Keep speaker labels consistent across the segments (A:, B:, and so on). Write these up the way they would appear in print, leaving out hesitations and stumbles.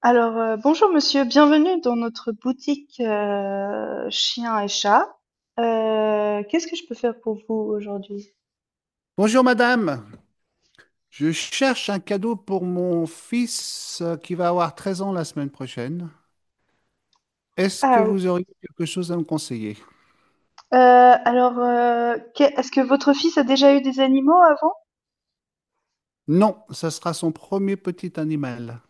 A: Alors, bonjour monsieur, bienvenue dans notre boutique chiens et chats. Qu'est-ce que je peux faire pour vous aujourd'hui?
B: Bonjour madame, je cherche un cadeau pour mon fils qui va avoir 13 ans la semaine prochaine. Est-ce que
A: Ah, oui.
B: vous auriez quelque chose à me conseiller?
A: Est-ce que votre fils a déjà eu des animaux avant?
B: Non, ça sera son premier petit animal.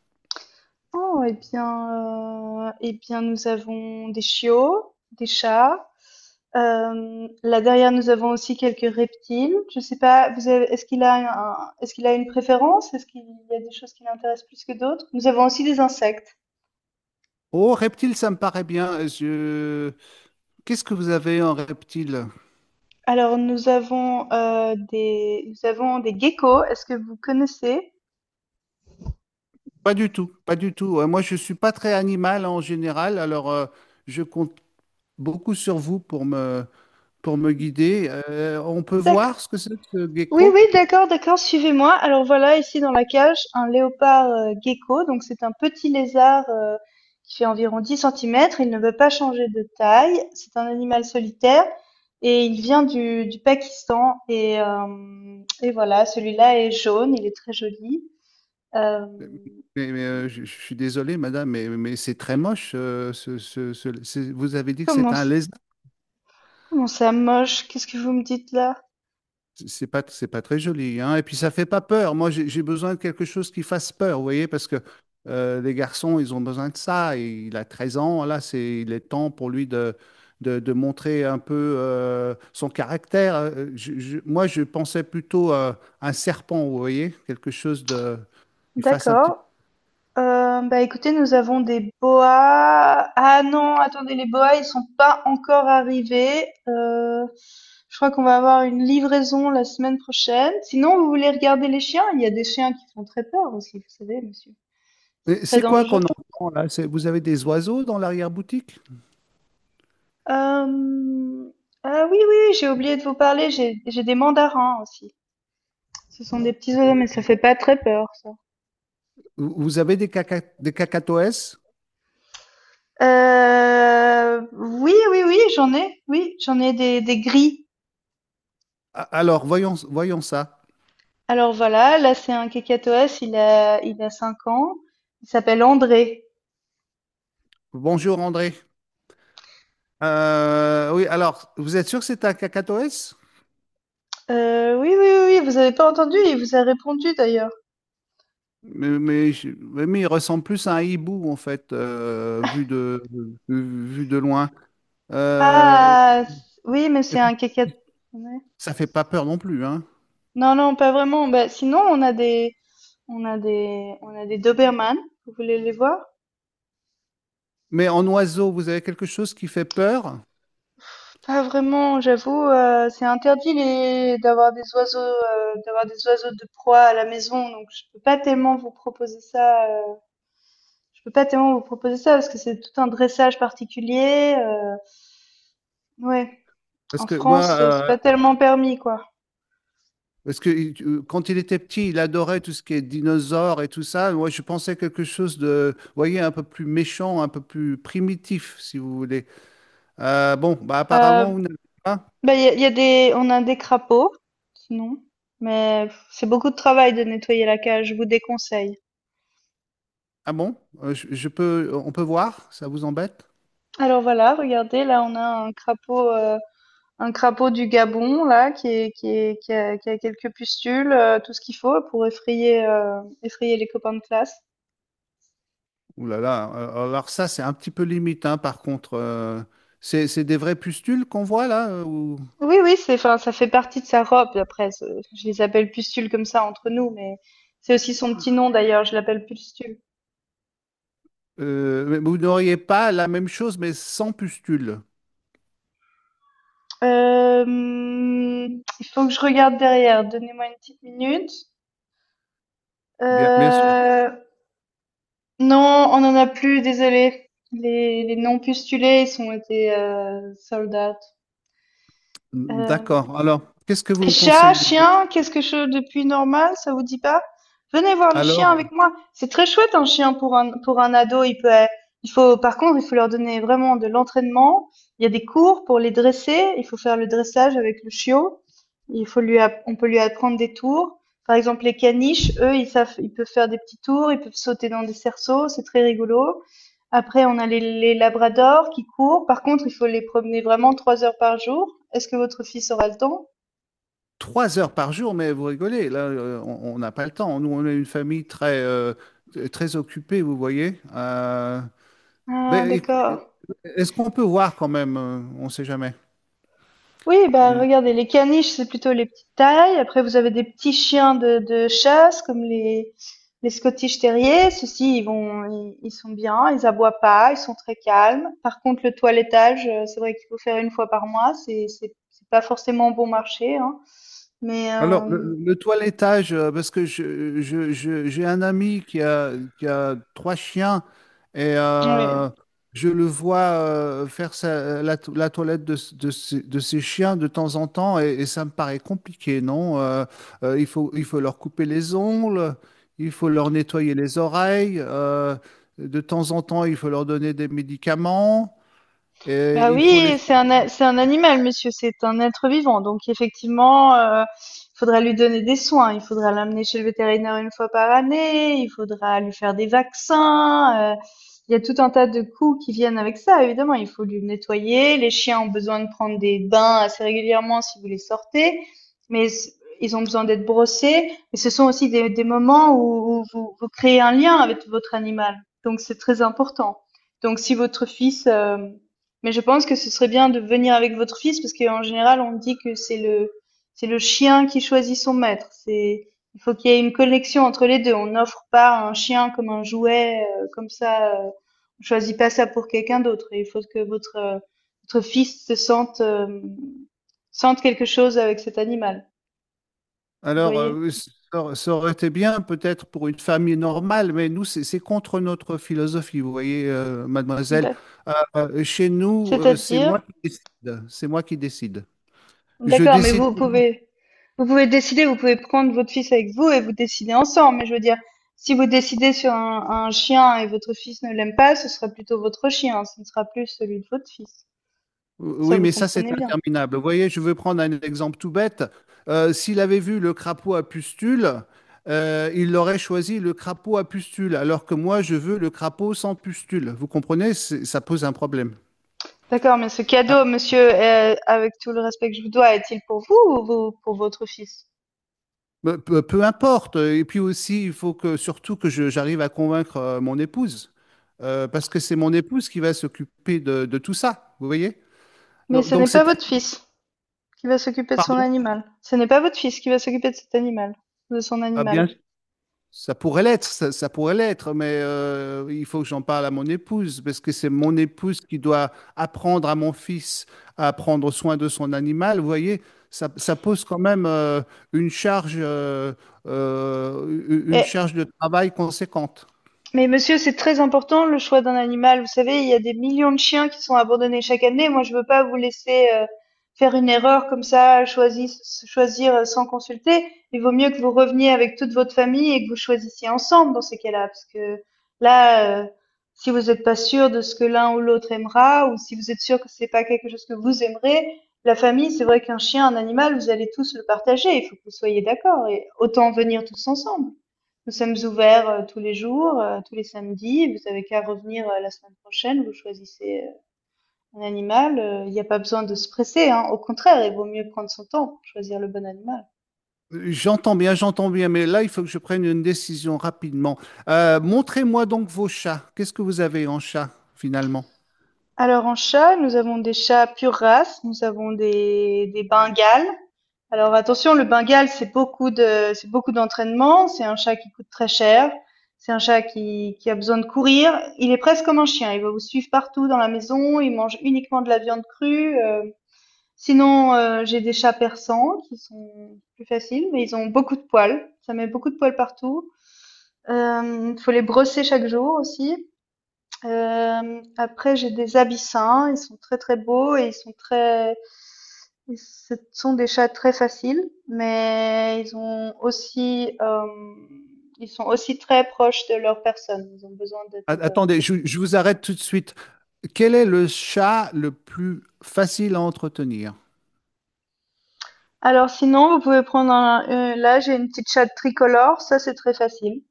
A: Oh, eh bien, nous avons des chiots, des chats. Là derrière, nous avons aussi quelques reptiles. Je sais pas, est-ce qu'il a une préférence? Est-ce qu'il y a des choses qui l'intéressent plus que d'autres? Nous avons aussi des insectes.
B: Oh, reptile, ça me paraît bien. Qu'est-ce que vous avez en reptile?
A: Alors, nous avons des geckos. Est-ce que vous connaissez?
B: Pas du tout, pas du tout. Moi, je suis pas très animal en général, alors je compte beaucoup sur vous pour me guider. On peut
A: D'acc
B: voir ce que c'est que ce
A: oui,
B: gecko?
A: oui, d'accord, d'accord, suivez-moi. Alors voilà, ici dans la cage, un léopard gecko. Donc c'est un petit lézard, qui fait environ 10 centimètres. Il ne veut pas changer de taille. C'est un animal solitaire et il vient du Pakistan et voilà, celui-là est jaune, il est très joli. Hem,
B: Mais, mais, je suis désolé, madame, mais c'est très moche. Vous avez dit que c'est
A: comment
B: un lézard.
A: comment ça moche? Qu'est-ce que vous me dites là?
B: C'est pas très joli, hein. Et puis ça fait pas peur. Moi, j'ai besoin de quelque chose qui fasse peur, vous voyez, parce que les garçons, ils ont besoin de ça. Et il a 13 ans, là, il est temps pour lui de montrer un peu son caractère. Moi, je pensais plutôt à un serpent, vous voyez, quelque chose qui fasse un petit.
A: D'accord. Bah écoutez, nous avons des boas. Ah non, attendez, les boas, ils sont pas encore arrivés. Je crois qu'on va avoir une livraison la semaine prochaine. Sinon, vous voulez regarder les chiens? Il y a des chiens qui font très peur aussi, vous savez, monsieur. C'est
B: Et
A: très
B: c'est quoi
A: dangereux.
B: qu'on entend là? Vous avez des oiseaux dans l'arrière-boutique?
A: Euh, Ah oui, oui, j'ai oublié de vous parler. J'ai des mandarins aussi. Ce sont des petits oiseaux, mais ça fait pas très peur, ça.
B: Vous avez des cacatoès?
A: Oui, oui, oui, j'en ai. Oui, j'en ai des gris.
B: Alors, voyons, voyons ça.
A: Alors voilà, là c'est un kakatoès, il a 5 ans, il s'appelle André.
B: Bonjour André. Oui, alors, vous êtes sûr que c'est un cacatoès?
A: Oui, oui, oui, oui, vous avez pas entendu? Il vous a répondu d'ailleurs.
B: Mais il ressemble plus à un hibou en fait, vu de loin. Euh,
A: Ah! C oui, mais
B: et
A: c'est un
B: puis,
A: kakat ouais.
B: ça fait pas peur non plus, hein.
A: Non, non, pas vraiment. Bah, sinon on a des Doberman. Vous voulez les voir?
B: Mais en oiseau, vous avez quelque chose qui fait peur?
A: Pas vraiment, j'avoue, c'est interdit les d'avoir des oiseaux de proie à la maison, donc je peux pas tellement vous proposer ça. Je peux pas tellement vous proposer ça parce que c'est tout un dressage particulier. Ouais,
B: Parce
A: En
B: que moi,
A: France, c'est
B: euh,
A: pas tellement permis quoi.
B: Parce que il- quand il était petit, il adorait tout ce qui est dinosaures et tout ça. Moi, je pensais quelque chose de, vous voyez, un peu plus méchant, un peu plus primitif, si vous voulez. Bon, bah
A: Euh,
B: apparemment, vous n'avez pas.
A: bah il y a des, on a des crapauds, sinon, mais c'est beaucoup de travail de nettoyer la cage. Je vous déconseille.
B: Ah bon? On peut voir? Ça vous embête?
A: Alors voilà, regardez, là on a un crapaud du Gabon là qui a quelques pustules, tout ce qu'il faut pour effrayer les copains de classe.
B: Ouh là là. Alors ça, c'est un petit peu limite, hein, par contre. C'est des vrais pustules qu'on voit là?
A: Oui, oui, c'est, enfin, ça fait partie de sa robe. Après, je les appelle pustules comme ça entre nous, mais c'est aussi son petit nom d'ailleurs. Je l'appelle pustule.
B: Mais vous n'auriez pas la même chose, mais sans pustules.
A: Il faut que je regarde derrière. Donnez-moi une petite minute.
B: Bien sûr.
A: Euh, non, on en a plus. Désolé. Les non pustulés, ils sont été sold out. Euh,
B: D'accord. Alors, qu'est-ce que vous
A: C'est
B: me
A: chat,
B: conseillez d'autre?
A: chien, qu'est-ce que je depuis normal, ça vous dit pas? Venez voir les chiens
B: Alors.
A: avec moi. C'est très chouette un chien pour un ado. Il faut par contre, il faut leur donner vraiment de l'entraînement. Il y a des cours pour les dresser. Il faut faire le dressage avec le chiot. Il faut lui, app- on peut lui apprendre des tours. Par exemple, les caniches, eux, ils savent, ils peuvent faire des petits tours. Ils peuvent sauter dans des cerceaux. C'est très rigolo. Après, on a les labradors qui courent. Par contre, il faut les promener vraiment 3 heures par jour. Est-ce que votre fils aura le temps?
B: 3 heures par jour, mais vous rigolez, là, on n'a pas le temps. Nous, on est une famille très occupée, vous voyez.
A: Ah
B: Mais écoutez,
A: d'accord.
B: est-ce qu'on peut voir quand même? On ne sait jamais.
A: Oui, bah, regardez, les caniches, c'est plutôt les petites tailles. Après, vous avez des petits chiens de chasse, comme les Scottish Terriers. Ceux-ci, ils sont bien, ils aboient pas, ils sont très calmes. Par contre, le toilettage, c'est vrai qu'il faut faire une fois par mois. C'est pas forcément bon marché, hein. Mais,
B: Alors,
A: euh,
B: le toilettage, parce que j'ai un ami qui a trois chiens et
A: oui.
B: je le vois faire la toilette de ses chiens de temps en temps et ça me paraît compliqué, non? Il faut, il faut leur couper les ongles, il faut leur nettoyer les oreilles, de temps en temps, il faut leur donner des médicaments et
A: Bah
B: il faut les...
A: oui, c'est un, a- c'est un animal, monsieur, c'est un être vivant. Donc effectivement, il faudra lui donner des soins, il faudra l'amener chez le vétérinaire une fois par année, il faudra lui faire des vaccins. Il y a tout un tas de coûts qui viennent avec ça, évidemment. Il faut lui nettoyer. Les chiens ont besoin de prendre des bains assez régulièrement si vous les sortez, mais c- ils ont besoin d'être brossés. Et ce sont aussi des moments où, où vous créez un lien avec votre animal. Donc c'est très important. Donc si votre fils. Mais je pense que ce serait bien de venir avec votre fils parce qu'en général, on dit que c'est le chien qui choisit son maître. C'est, il faut qu'il y ait une connexion entre les deux. On n'offre pas un chien comme un jouet comme ça. On choisit pas ça pour quelqu'un d'autre. Il faut que votre fils se sente quelque chose avec cet animal. Vous
B: Alors,
A: voyez?
B: oui, ça aurait été bien peut-être pour une famille normale, mais nous, c'est contre notre philosophie, vous voyez, mademoiselle.
A: Ouais.
B: Chez nous, c'est moi
A: C'est-à-dire,
B: qui décide. C'est moi qui décide. Je
A: D'accord, mais
B: décide.
A: vous
B: pour-
A: pouvez, vous pouvez décider, vous pouvez prendre votre fils avec vous et vous décider ensemble. Mais je veux dire, si vous décidez sur un chien et votre fils ne l'aime pas, ce sera plutôt votre chien, ce ne sera plus celui de votre fils. Ça,
B: Oui,
A: vous
B: mais ça, c'est
A: comprenez bien.
B: interminable. Vous voyez, je veux prendre un exemple tout bête. S'il avait vu le crapaud à pustules, il aurait choisi le crapaud à pustules, alors que moi, je veux le crapaud sans pustules. Vous comprenez? Ça pose un problème.
A: D'accord, mais ce cadeau, monsieur, avec tout le respect que je vous dois, est-il pour vous ou pour votre fils?
B: Peu importe. Et puis aussi, il faut que surtout que j'arrive à convaincre mon épouse. Parce que c'est mon épouse qui va s'occuper de tout ça. Vous voyez?
A: Mais
B: Donc,
A: ce n'est
B: donc
A: pas
B: c'est,
A: votre fils qui va s'occuper de son
B: pardon.
A: animal. Ce n'est pas votre fils qui va s'occuper de cet animal, de son
B: Ah,
A: animal.
B: bien, ça pourrait l'être, ça pourrait l'être, mais il faut que j'en parle à mon épouse, parce que c'est mon épouse qui doit apprendre à mon fils à prendre soin de son animal. Vous voyez? Ça pose quand même une charge, euh, une
A: Mais
B: charge de travail conséquente.
A: Mais monsieur, c'est très important le choix d'un animal. Vous savez, il y a des millions de chiens qui sont abandonnés chaque année. Moi, je veux pas vous laisser faire une erreur comme ça, choisir, sans consulter. Il vaut mieux que vous reveniez avec toute votre famille et que vous choisissiez ensemble dans ces cas-là, parce que là, si vous n'êtes pas sûr de ce que l'un ou l'autre aimera, ou si vous êtes sûr que c'est pas quelque chose que vous aimerez, la famille, c'est vrai qu'un chien, un animal, vous allez tous le partager. Il faut que vous soyez d'accord et autant venir tous ensemble. Nous sommes ouverts tous les jours, tous les samedis. Vous avez qu'à revenir la semaine prochaine. Vous choisissez un animal. Il n'y a pas besoin de se presser, hein. Au contraire, il vaut mieux prendre son temps pour choisir le bon animal.
B: J'entends bien, mais là, il faut que je prenne une décision rapidement. Montrez-moi donc vos chats. Qu'est-ce que vous avez en chat, finalement?
A: Alors en chat, nous avons des chats pure race. Nous avons des Bengales. Alors attention, le Bengal c'est beaucoup d'entraînement. C'est un chat qui coûte très cher. C'est un chat qui a besoin de courir. Il est presque comme un chien. Il va vous suivre partout dans la maison. Il mange uniquement de la viande crue. Sinon, j'ai des chats persans qui sont plus faciles, mais ils ont beaucoup de poils. Ça met beaucoup de poils partout. Faut les brosser chaque jour aussi. Après j'ai des abyssins, ils sont très, très beaux et ils ce sont des chats très faciles, mais ils sont aussi très proches de leur personne. Ils ont besoin
B: A-
A: d'être.
B: attendez, je, je vous arrête tout de suite. Quel est le chat le plus facile à entretenir?
A: Alors sinon, vous pouvez prendre là j'ai une petite chatte tricolore, ça c'est très facile.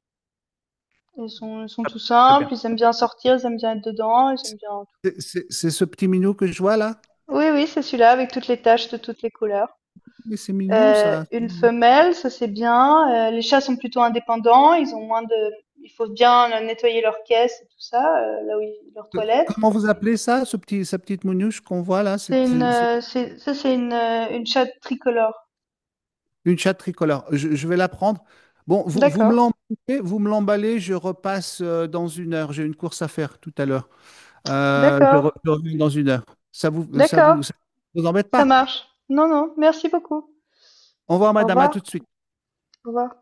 A: Ils sont tout simples, ils aiment bien sortir, ils aiment bien être dedans, ils aiment bien tout.
B: C'est ce petit minou que je vois là?
A: Oui, oui, c'est celui-là avec toutes les taches de toutes les couleurs.
B: Mais c'est mignon, ça.
A: Une femelle, ça c'est bien. Les chats sont plutôt indépendants, ils ont moins de, il faut bien nettoyer leur caisse et tout ça, là où leur toilette.
B: Comment vous appelez ça, sa petite mounouche qu'on voit là? C'est c'est- c'est
A: Une chatte tricolore.
B: une chatte tricolore. Je vais la prendre. Bon, vous me
A: D'accord,
B: l'emballez, vous me l'emballez, je repasse dans 1 heure. J'ai une course à faire tout à l'heure. Euh, je,
A: d'accord,
B: re- je reviens dans 1 heure. Ça vous, ça
A: d'accord,
B: vous, ça vous embête
A: ça
B: pas?
A: marche. Non, non, merci beaucoup.
B: Au revoir,
A: Au
B: madame, à
A: revoir,
B: tout de suite.
A: au revoir.